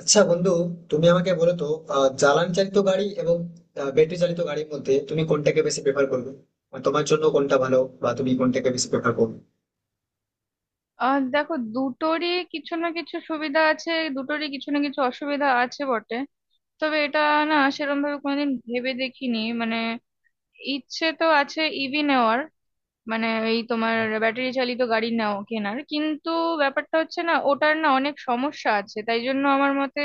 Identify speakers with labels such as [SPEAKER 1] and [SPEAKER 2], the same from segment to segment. [SPEAKER 1] আচ্ছা বন্ধু, তুমি আমাকে বলো তো, জ্বালানি চালিত গাড়ি এবং ব্যাটারি চালিত গাড়ির মধ্যে তুমি কোনটাকে বেশি প্রেফার করবে? মানে তোমার জন্য কোনটা ভালো, বা তুমি কোনটাকে বেশি প্রেফার করবে?
[SPEAKER 2] দেখো, দুটোরই কিছু না কিছু সুবিধা আছে, দুটোরই কিছু না কিছু অসুবিধা আছে বটে। তবে এটা না, সেরকম ভাবে কোনোদিন ভেবে দেখিনি। মানে ইচ্ছে তো আছে ইভি নেওয়ার। মানে এই তোমার ব্যাটারি চালিত গাড়ি নাও কেনার, কিন্তু ব্যাপারটা হচ্ছে না, ওটার না অনেক সমস্যা আছে, তাই জন্য আমার মতে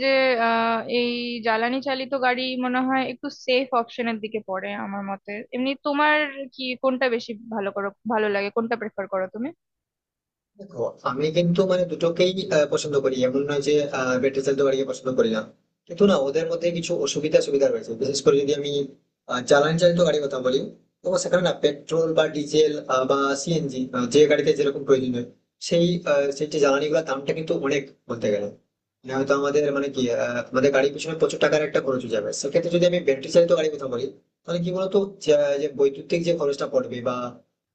[SPEAKER 2] যে এই জ্বালানি চালিত গাড়ি মনে হয় একটু সেফ অপশনের দিকে পড়ে। আমার মতে এমনি, তোমার কি কোনটা বেশি ভালো করো, ভালো লাগে, কোনটা প্রেফার করো তুমি?
[SPEAKER 1] দেখো, আমি কিন্তু মানে দুটোকেই পছন্দ করি, এমন নয় যে ব্যাটারি চালিত গাড়িকে পছন্দ করি না, কিন্তু না, ওদের মধ্যে কিছু অসুবিধা সুবিধা রয়েছে। বিশেষ করে যদি আমি জ্বালানি চালিত গাড়ির কথা বলি, তো সেখানে না পেট্রোল বা ডিজেল বা সিএনজি, যে গাড়িতে যেরকম প্রয়োজন হয়, সেই সেই যে জ্বালানি গুলোর দামটা কিন্তু অনেক, বলতে গেলে মানে হয়তো আমাদের মানে কি আমাদের গাড়ির পিছনে প্রচুর টাকার একটা খরচ হয়ে যাবে। সেক্ষেত্রে যদি আমি ব্যাটারি চালিত গাড়ির কথা বলি, তাহলে কি বলতো যে, যে বৈদ্যুতিক যে খরচটা পড়বে বা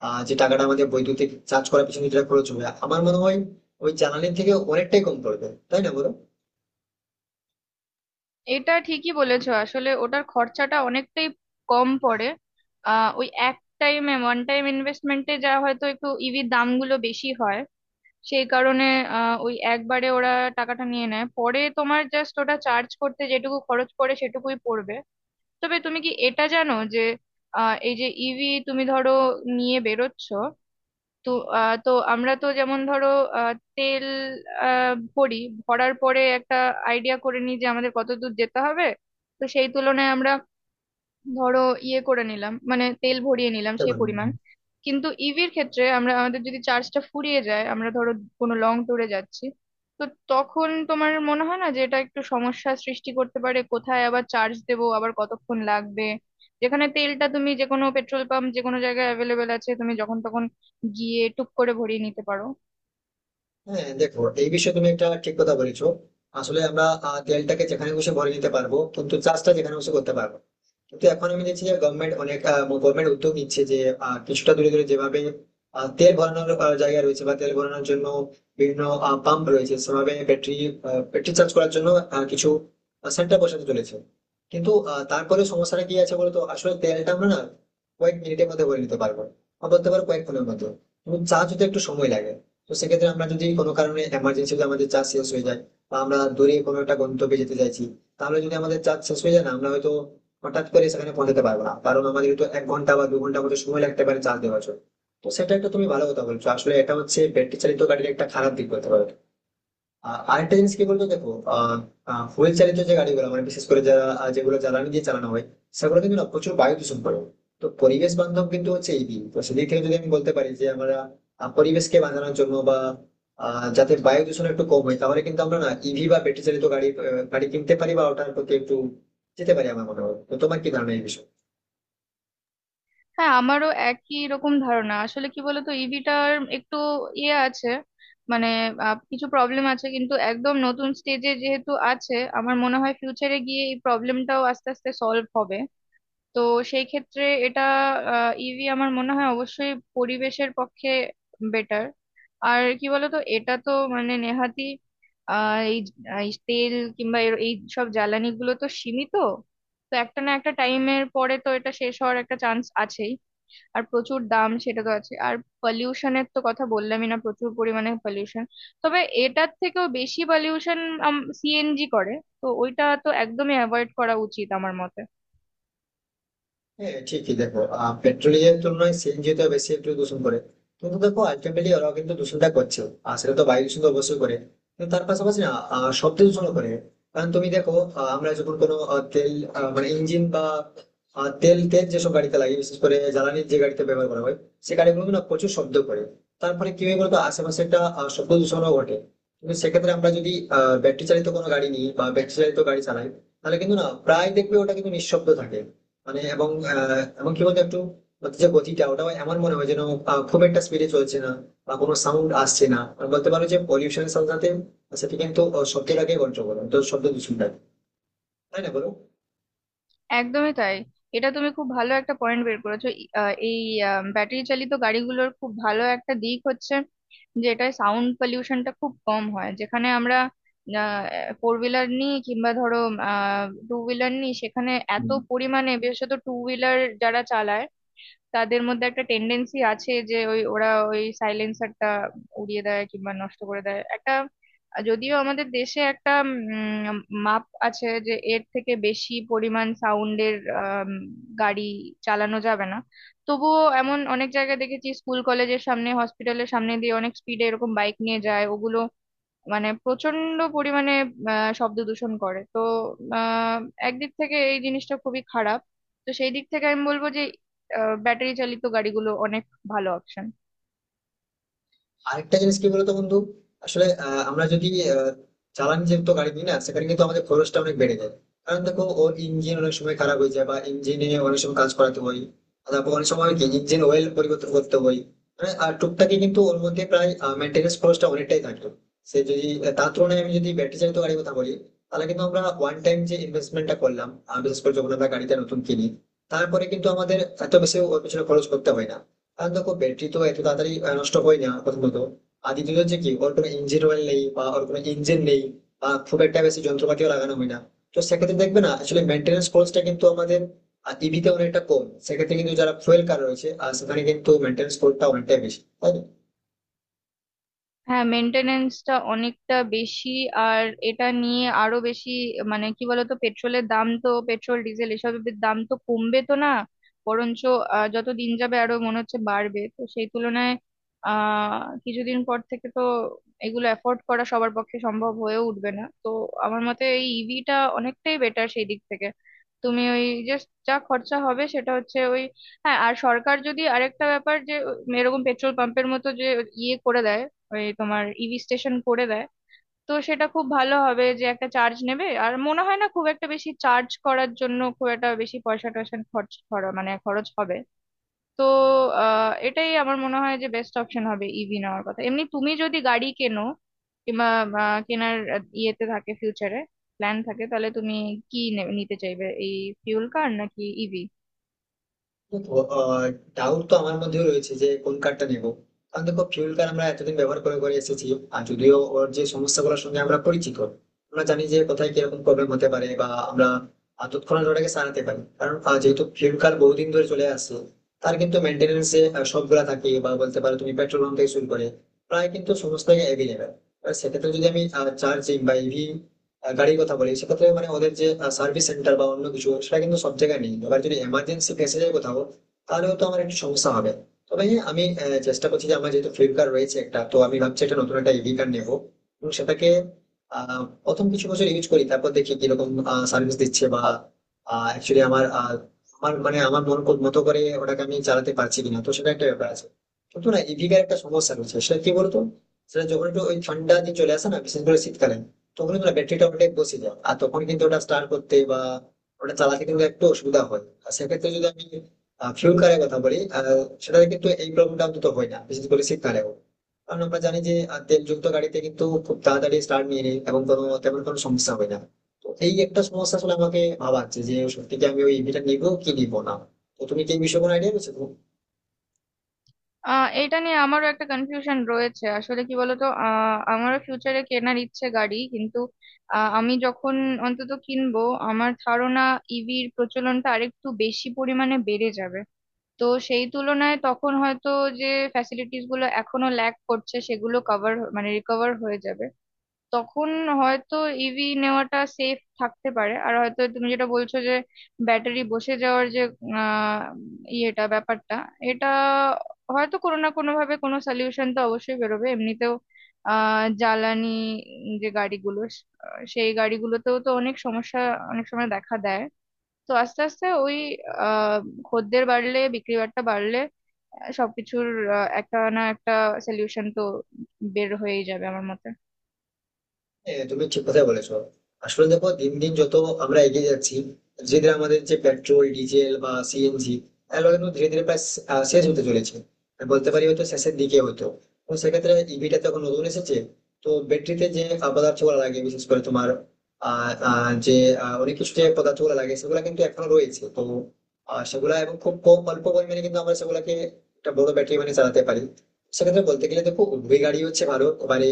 [SPEAKER 1] যে টাকাটা আমাদের বৈদ্যুতিক চার্জ করার পিছনে যেটা খরচ হবে, আমার মনে হয় ওই জ্বালানির থেকে অনেকটাই কম পড়বে, তাই না বলো?
[SPEAKER 2] এটা ঠিকই বলেছো, আসলে ওটার খরচাটা অনেকটাই কম পড়ে। ওই এক টাইমে, ওয়ান টাইম ইনভেস্টমেন্টে, যা হয়তো একটু ইভির দামগুলো বেশি হয় সেই কারণে। ওই একবারে ওরা টাকাটা নিয়ে নেয়, পরে তোমার জাস্ট ওটা চার্জ করতে যেটুকু খরচ পড়ে সেটুকুই পড়বে। তবে তুমি কি এটা জানো যে এই যে ইভি তুমি ধরো নিয়ে বেরোচ্ছো, তো তো আমরা তো যেমন ধরো, তেল ভরি, ভরার পরে একটা আইডিয়া করে নিই যে আমাদের কতদূর যেতে হবে। তো সেই তুলনায় আমরা ধরো ইয়ে করে নিলাম, মানে তেল ভরিয়ে নিলাম
[SPEAKER 1] দেখতে
[SPEAKER 2] সেই
[SPEAKER 1] পারেন।
[SPEAKER 2] পরিমাণ। কিন্তু ইভির ক্ষেত্রে আমরা, আমাদের যদি চার্জটা ফুরিয়ে যায়, আমরা ধরো কোনো লং ট্যুরে যাচ্ছি, তো তখন তোমার মনে হয় না যে এটা একটু সমস্যা সৃষ্টি করতে পারে? কোথায় আবার চার্জ দেবো, আবার কতক্ষণ লাগবে। যেখানে তেলটা তুমি যে কোনো পেট্রোল পাম্প, যে কোনো জায়গায় অ্যাভেলেবেল আছে, তুমি যখন তখন গিয়ে টুক করে ভরিয়ে নিতে পারো।
[SPEAKER 1] হ্যাঁ, দেখো, এই বিষয়ে তুমি একটা ঠিক কথা বলেছো। আসলে আমরা তেলটাকে যেখানে খুশি ভরে নিতে পারবো, কিন্তু চাষটা যেখানে খুশি করতে পারবো না। কিন্তু এখন আমি দেখছি যে গভর্নমেন্ট অনেক গভর্নমেন্ট উদ্যোগ নিচ্ছে যে কিছুটা দূরে দূরে যেভাবে তেল ভরানোর জায়গা রয়েছে বা তেল ভরানোর জন্য বিভিন্ন পাম্প রয়েছে, সেভাবে ব্যাটারি ব্যাটারি চার্জ করার জন্য কিছু সেন্টার বসাতে চলেছে। কিন্তু তারপরে সমস্যাটা কি আছে বলতো, আসলে তেলটা আমরা না কয়েক মিনিটের মধ্যে ভরে নিতে পারবো, বা বলতে পারো কয়েক ক্ষণের মধ্যে, কিন্তু চার্জ হতে একটু সময় লাগে। তো সেক্ষেত্রে আমরা যদি কোনো কারণে এমার্জেন্সি আমাদের চার্জ শেষ হয়ে যায় বা আমরা দূরে কোনো একটা গন্তব্যে যেতে চাইছি, তাহলে যদি আমাদের চার্জ শেষ হয়ে যায় না, আমরা হয়তো হঠাৎ করে সেখানে পৌঁছাতে পারবো না, কারণ আমাদের তো এক ঘন্টা বা দু ঘন্টা মতো সময় লাগতে পারে চার্জ দেওয়ার জন্য। তো সেটা একটা তুমি ভালো কথা বলছো, আসলে এটা হচ্ছে ব্যাটারি চালিত গাড়ির একটা খারাপ দিক বলতে পারো। আরেকটা জিনিস কি বলতো দেখো, ফুয়েল চালিত যে গাড়িগুলো মানে বিশেষ করে যারা যেগুলো জ্বালানি দিয়ে চালানো হয়, সেগুলো কিন্তু না প্রচুর বায়ু দূষণ করে, তো পরিবেশ বান্ধব কিন্তু হচ্ছে এই দিক। তো সেদিক থেকে যদি আমি বলতে পারি যে আমরা পরিবেশকে বাঁচানোর জন্য বা যাতে বায়ু দূষণ একটু কম হয়, তাহলে কিন্তু আমরা না ইভি বা ব্যাটারি চালিত গাড়ি গাড়ি কিনতে পারি বা ওটার প্রতি একটু যেতে পারি, আমার মনে হয়। তো তোমার কি ধারণা এই বিষয়ে?
[SPEAKER 2] হ্যাঁ, আমারও একই রকম ধারণা। আসলে কি বলতো, ইভিটার একটু ইয়ে আছে, মানে কিছু প্রবলেম আছে, কিন্তু একদম নতুন স্টেজে যেহেতু আছে, আমার মনে হয় ফিউচারে গিয়ে এই প্রবলেমটাও আস্তে আস্তে সলভ হবে। তো সেই ক্ষেত্রে এটা, ইভি আমার মনে হয় অবশ্যই পরিবেশের পক্ষে বেটার। আর কি বলতো, এটা তো মানে নেহাতি, আহ এই এই তেল কিংবা এই সব জ্বালানিগুলো তো সীমিত। তো একটা না একটা টাইমের পরে তো এটা শেষ হওয়ার একটা চান্স আছেই। আর প্রচুর দাম, সেটা তো আছে। আর পলিউশনের তো কথা বললামই, না, প্রচুর পরিমাণে পলিউশন। তবে এটার থেকেও বেশি পলিউশন সিএনজি করে, তো ওইটা তো একদমই অ্যাভয়েড করা উচিত আমার মতে।
[SPEAKER 1] হ্যাঁ, ঠিকই। দেখো, পেট্রোলের জন্য সিএনজি তো বেশি একটু দূষণ করে, কিন্তু দেখো আলটিমেটলি ওরাও কিন্তু দূষণটা করছে, আর সেটা তো বায়ু দূষণ তো অবশ্যই করে, কিন্তু তার পাশাপাশি না শব্দ দূষণ করে। কারণ তুমি দেখো, আমরা যখন কোনো তেল মানে ইঞ্জিন বা তেল তেল যেসব গাড়িতে লাগে, বিশেষ করে জ্বালানির যে গাড়িতে ব্যবহার করা হয়, সে গাড়িগুলো কিন্তু না প্রচুর শব্দ করে। তারপরে কি হয় বলতো, আশেপাশে একটা শব্দ দূষণও ঘটে। কিন্তু সেক্ষেত্রে আমরা যদি ব্যাটারি চালিত কোনো গাড়ি নিই বা ব্যাটারি চালিত গাড়ি চালাই, তাহলে কিন্তু না প্রায় দেখবে ওটা কিন্তু নিঃশব্দ থাকে। মানে এবং এমনকি বলতে একটু ওর যে গতিটা, ওটাও এমন মনে হয় যেন খুব একটা স্পিডে চলছে না বা কোনো সাউন্ড আসছে না। মানে বলতে পারো যে পলিউশনের সাথে সাথে সেটি কিন্তু শব্দটাকে কন্ট্রোল করে, তো শব্দ দূষণটাকে। তাই না বলো?
[SPEAKER 2] একদমই তাই। এটা তুমি খুব ভালো একটা পয়েন্ট বের করেছো। এই ব্যাটারি চালিত গাড়িগুলোর খুব ভালো একটা দিক হচ্ছে যে এটায় সাউন্ড পলিউশনটা খুব কম হয়। যেখানে আমরা ফোর হুইলার নিই কিংবা ধরো টু হুইলার নিই, সেখানে এত
[SPEAKER 1] হুম।
[SPEAKER 2] পরিমাণে, বিশেষত টু হুইলার যারা চালায়, তাদের মধ্যে একটা টেন্ডেন্সি আছে যে ওই ওরা ওই সাইলেন্সারটা উড়িয়ে দেয় কিংবা নষ্ট করে দেয় একটা। যদিও আমাদের দেশে একটা উম, মাপ আছে যে এর থেকে বেশি পরিমাণ সাউন্ডের গাড়ি চালানো যাবে না, তবুও এমন অনেক জায়গায় দেখেছি, স্কুল কলেজের সামনে, হসপিটালের সামনে দিয়ে অনেক স্পিডে এরকম বাইক নিয়ে যায় ওগুলো। মানে প্রচন্ড পরিমাণে শব্দ দূষণ করে তো। আহ, একদিক থেকে এই জিনিসটা খুবই খারাপ। তো সেই দিক থেকে আমি বলবো যে ব্যাটারি চালিত গাড়িগুলো অনেক ভালো অপশন।
[SPEAKER 1] আরেকটা জিনিস কি বলতো বন্ধু, আসলে আমরা যদি আহ, জ্বালানি যুক্ত গাড়ি নিই না, সেখানে কিন্তু আমাদের খরচটা অনেক বেড়ে যায়। কারণ দেখো, ওর ইঞ্জিন অনেক সময় খারাপ হয়ে যায় বা ইঞ্জিনে অনেক সময় কাজ করাতে হয়, আর তারপর অনেক সময় কি ইঞ্জিন অয়েল পরিবর্তন করতে হয়, মানে আর টুকটাকি কিন্তু ওর মধ্যে প্রায় মেনটেন্যান্স খরচটা অনেকটাই থাকতো। সে যদি তার তুলনায় আমি যদি ব্যাটারি চালিত গাড়ির কথা বলি, তাহলে কিন্তু আমরা ওয়ান টাইম যে ইনভেস্টমেন্টটা করলাম বিশেষ করে যখন আমরা গাড়িটা নতুন কিনি, তারপরে কিন্তু আমাদের এত বেশি ওর পিছনে খরচ করতে হয় না। আর দেখো ব্যাটারি তো এত তাড়াতাড়ি নষ্ট হয় না প্রথমত, আর দ্বিতীয়ত হচ্ছে কি ওর কোনো ইঞ্জিন অয়েল নেই বা ওর কোনো ইঞ্জিন নেই বা খুব একটা বেশি যন্ত্রপাতিও লাগানো হয় না। তো সেক্ষেত্রে দেখবে না আসলে মেনটেন্স খরচটা কিন্তু আমাদের ইভিতে অনেকটা কম। সেক্ষেত্রে কিন্তু যারা ফুয়েল কার রয়েছে, আর সেখানে কিন্তু মেনটেন্স খরচটা অনেকটাই বেশি, তাই না?
[SPEAKER 2] হ্যাঁ, মেনটেনেন্সটা অনেকটা বেশি। আর এটা নিয়ে আরো বেশি, মানে কি বলতো, পেট্রোলের দাম তো, পেট্রোল ডিজেল এসবের দাম তো কমবে তো না, বরঞ্চ যত দিন যাবে আরো মনে হচ্ছে বাড়বে। তো সেই তুলনায় আহ কিছুদিন পর থেকে তো এগুলো অ্যাফোর্ড করা সবার পক্ষে সম্ভব হয়ে উঠবে না। তো আমার মতে এই ইভিটা অনেকটাই বেটার সেই দিক থেকে। তুমি ওই জাস্ট যা খরচা হবে সেটা হচ্ছে ওই। হ্যাঁ, আর সরকার যদি আরেকটা ব্যাপার, যে এরকম পেট্রোল পাম্পের মতো যে ইয়ে করে দেয়, ওই তোমার ইভি স্টেশন করে দেয়, তো সেটা খুব ভালো হবে। যে একটা চার্জ নেবে, আর মনে হয় না খুব একটা বেশি চার্জ করার জন্য খুব একটা বেশি পয়সা টয়সা খরচ খরচ মানে খরচ হবে। তো এটাই আমার মনে হয় যে বেস্ট অপশন হবে ইভি নেওয়ার কথা। এমনি তুমি যদি গাড়ি কেনো কিংবা কেনার ইয়েতে থাকে, ফিউচারে প্ল্যান থাকে, তাহলে তুমি কি নিতে চাইবে, এই ফিউল কার নাকি ইভি?
[SPEAKER 1] দেখো, ডাউট তো আমার মধ্যেও রয়েছে যে কোন কারটা নেব। কারণ দেখো, ফিউল কার আমরা এতদিন ব্যবহার করে করে এসেছি, আর যদিও ওর যে সমস্যাগুলোর সঙ্গে আমরা পরিচিত, আমরা জানি যে কোথায় কিরকম প্রবলেম হতে পারে বা আমরা তৎক্ষণাৎ ওটাকে সারাতে পারি। কারণ যেহেতু ফিউল কার বহুদিন ধরে চলে আসছে, তার কিন্তু মেনটেনেন্স এ সবগুলা থাকে বা বলতে পারো তুমি পেট্রোল পাম্প থেকে শুরু করে প্রায় কিন্তু সমস্তই অ্যাভেলেবেল। সেক্ষেত্রে যদি আমি চার্জিং বা ইভি গাড়ির কথা বলি, সেক্ষেত্রে মানে ওদের যে সার্ভিস সেন্টার বা অন্য কিছু সেটা কিন্তু সব জায়গায় নেই। এবার যদি এমার্জেন্সি ফেসে যায় কোথাও, তাহলে তো আমার একটু সমস্যা হবে। তবে হ্যাঁ, আমি চেষ্টা করছি যে আমার যেহেতু ফ্লিপকার্ট রয়েছে একটা, তো আমি ভাবছি একটা নতুন একটা ইভি কার্ড নেবো এবং সেটাকে প্রথম কিছু বছর ইউজ করি, তারপর দেখি কিরকম সার্ভিস দিচ্ছে বা অ্যাকচুয়ালি আমার আমার মানে আমার মতো করে ওটাকে আমি চালাতে পারছি কিনা, তো সেটা একটা ব্যাপার আছে। কিন্তু না, ইভিকার একটা সমস্যা রয়েছে, সেটা কি বলতো, সেটা যখন একটু ওই ঠান্ডা দিন চলে আসে না, বিশেষ করে শীতকালে, তখন কিন্তু না ব্যাটারিটা অনেক বসে যায়, আর তখন কিন্তু ওটা স্টার্ট করতে বা ওটা চালাতে কিন্তু একটু অসুবিধা হয়। আর সেক্ষেত্রে যদি আমি ফিউল কারের কথা বলি, সেটাতে কিন্তু এই প্রবলেমটা অন্তত হয় না, বিশেষ করে শীতকালেও, কারণ আমরা জানি যে তেলযুক্ত গাড়িতে কিন্তু খুব তাড়াতাড়ি স্টার্ট নিয়ে নেয় এবং কোনো তেমন কোনো সমস্যা হয় না। তো এই একটা সমস্যা আসলে আমাকে ভাবাচ্ছে যে সত্যি কি আমি ওই ইভিটা নিবো কি নিবো না। তো তুমি কি এই বিষয়ে কোনো আইডিয়া রয়েছে তোমার?
[SPEAKER 2] এটা নিয়ে আমারও একটা কনফিউশন রয়েছে। আসলে কি বলতো, আমারও ফিউচারে কেনার ইচ্ছে গাড়ি, কিন্তু আমি যখন অন্তত কিনবো, আমার ধারণা ইভির প্রচলনটা আরেকটু বেশি পরিমাণে বেড়ে যাবে। তো সেই তুলনায় তখন হয়তো যে ফ্যাসিলিটিস গুলো এখনো ল্যাক করছে, সেগুলো কভার, মানে রিকভার হয়ে যাবে। তখন হয়তো ইভি নেওয়াটা সেফ থাকতে পারে। আর হয়তো তুমি যেটা বলছো যে ব্যাটারি বসে যাওয়ার যে আহ ইয়েটা, ব্যাপারটা, এটা হয়তো কোনো না কোনো ভাবে কোনো সলিউশন তো অবশ্যই বেরোবে। এমনিতেও জ্বালানি যে গাড়িগুলো, সেই গাড়িগুলোতেও তো অনেক সমস্যা অনেক সময় দেখা দেয়। তো আস্তে আস্তে ওই আহ খদ্দের বাড়লে, বিক্রি বাট্টা বাড়লে, সবকিছুর একটা না একটা সলিউশন তো বের হয়েই যাবে আমার মতে।
[SPEAKER 1] হ্যাঁ, তুমি ঠিক কথাই বলেছো। আসলে দেখো, দিন দিন যত আমরা এগিয়ে যাচ্ছি, ধীরে ধীরে আমাদের যে পেট্রোল ডিজেল বা সিএনজি এগুলো কিন্তু ধীরে ধীরে প্রায় শেষ হতে চলেছে, আমি বলতে পারি হয়তো শেষের দিকে হতো। তো সেক্ষেত্রে ইভিটা তখন নতুন এসেছে, তো ব্যাটারিতে যে পদার্থ গুলো লাগে বিশেষ করে তোমার আহ আহ, যে অনেক কিছু যে পদার্থ গুলো লাগে, সেগুলো কিন্তু এখনো রয়েছে। তো সেগুলা এবং খুব কম অল্প পরিমাণে কিন্তু আমরা সেগুলাকে একটা বড় ব্যাটারি মানে চালাতে পারি। সেক্ষেত্রে বলতে গেলে দেখো উভয় গাড়ি হচ্ছে ভালো, মানে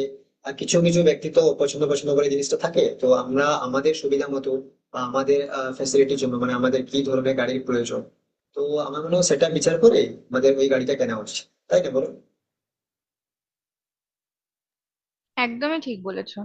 [SPEAKER 1] আর কিছু কিছু ব্যক্তি তো পছন্দ পছন্দ করে জিনিসটা থাকে, তো আমরা আমাদের সুবিধা মতো বা আমাদের ফ্যাসিলিটির জন্য মানে আমাদের কি ধরনের গাড়ির প্রয়োজন, তো আমার মনে হয় সেটা বিচার করে আমাদের ওই গাড়িটা কেনা উচিত। তাই না বলো?
[SPEAKER 2] একদমই ঠিক বলেছো।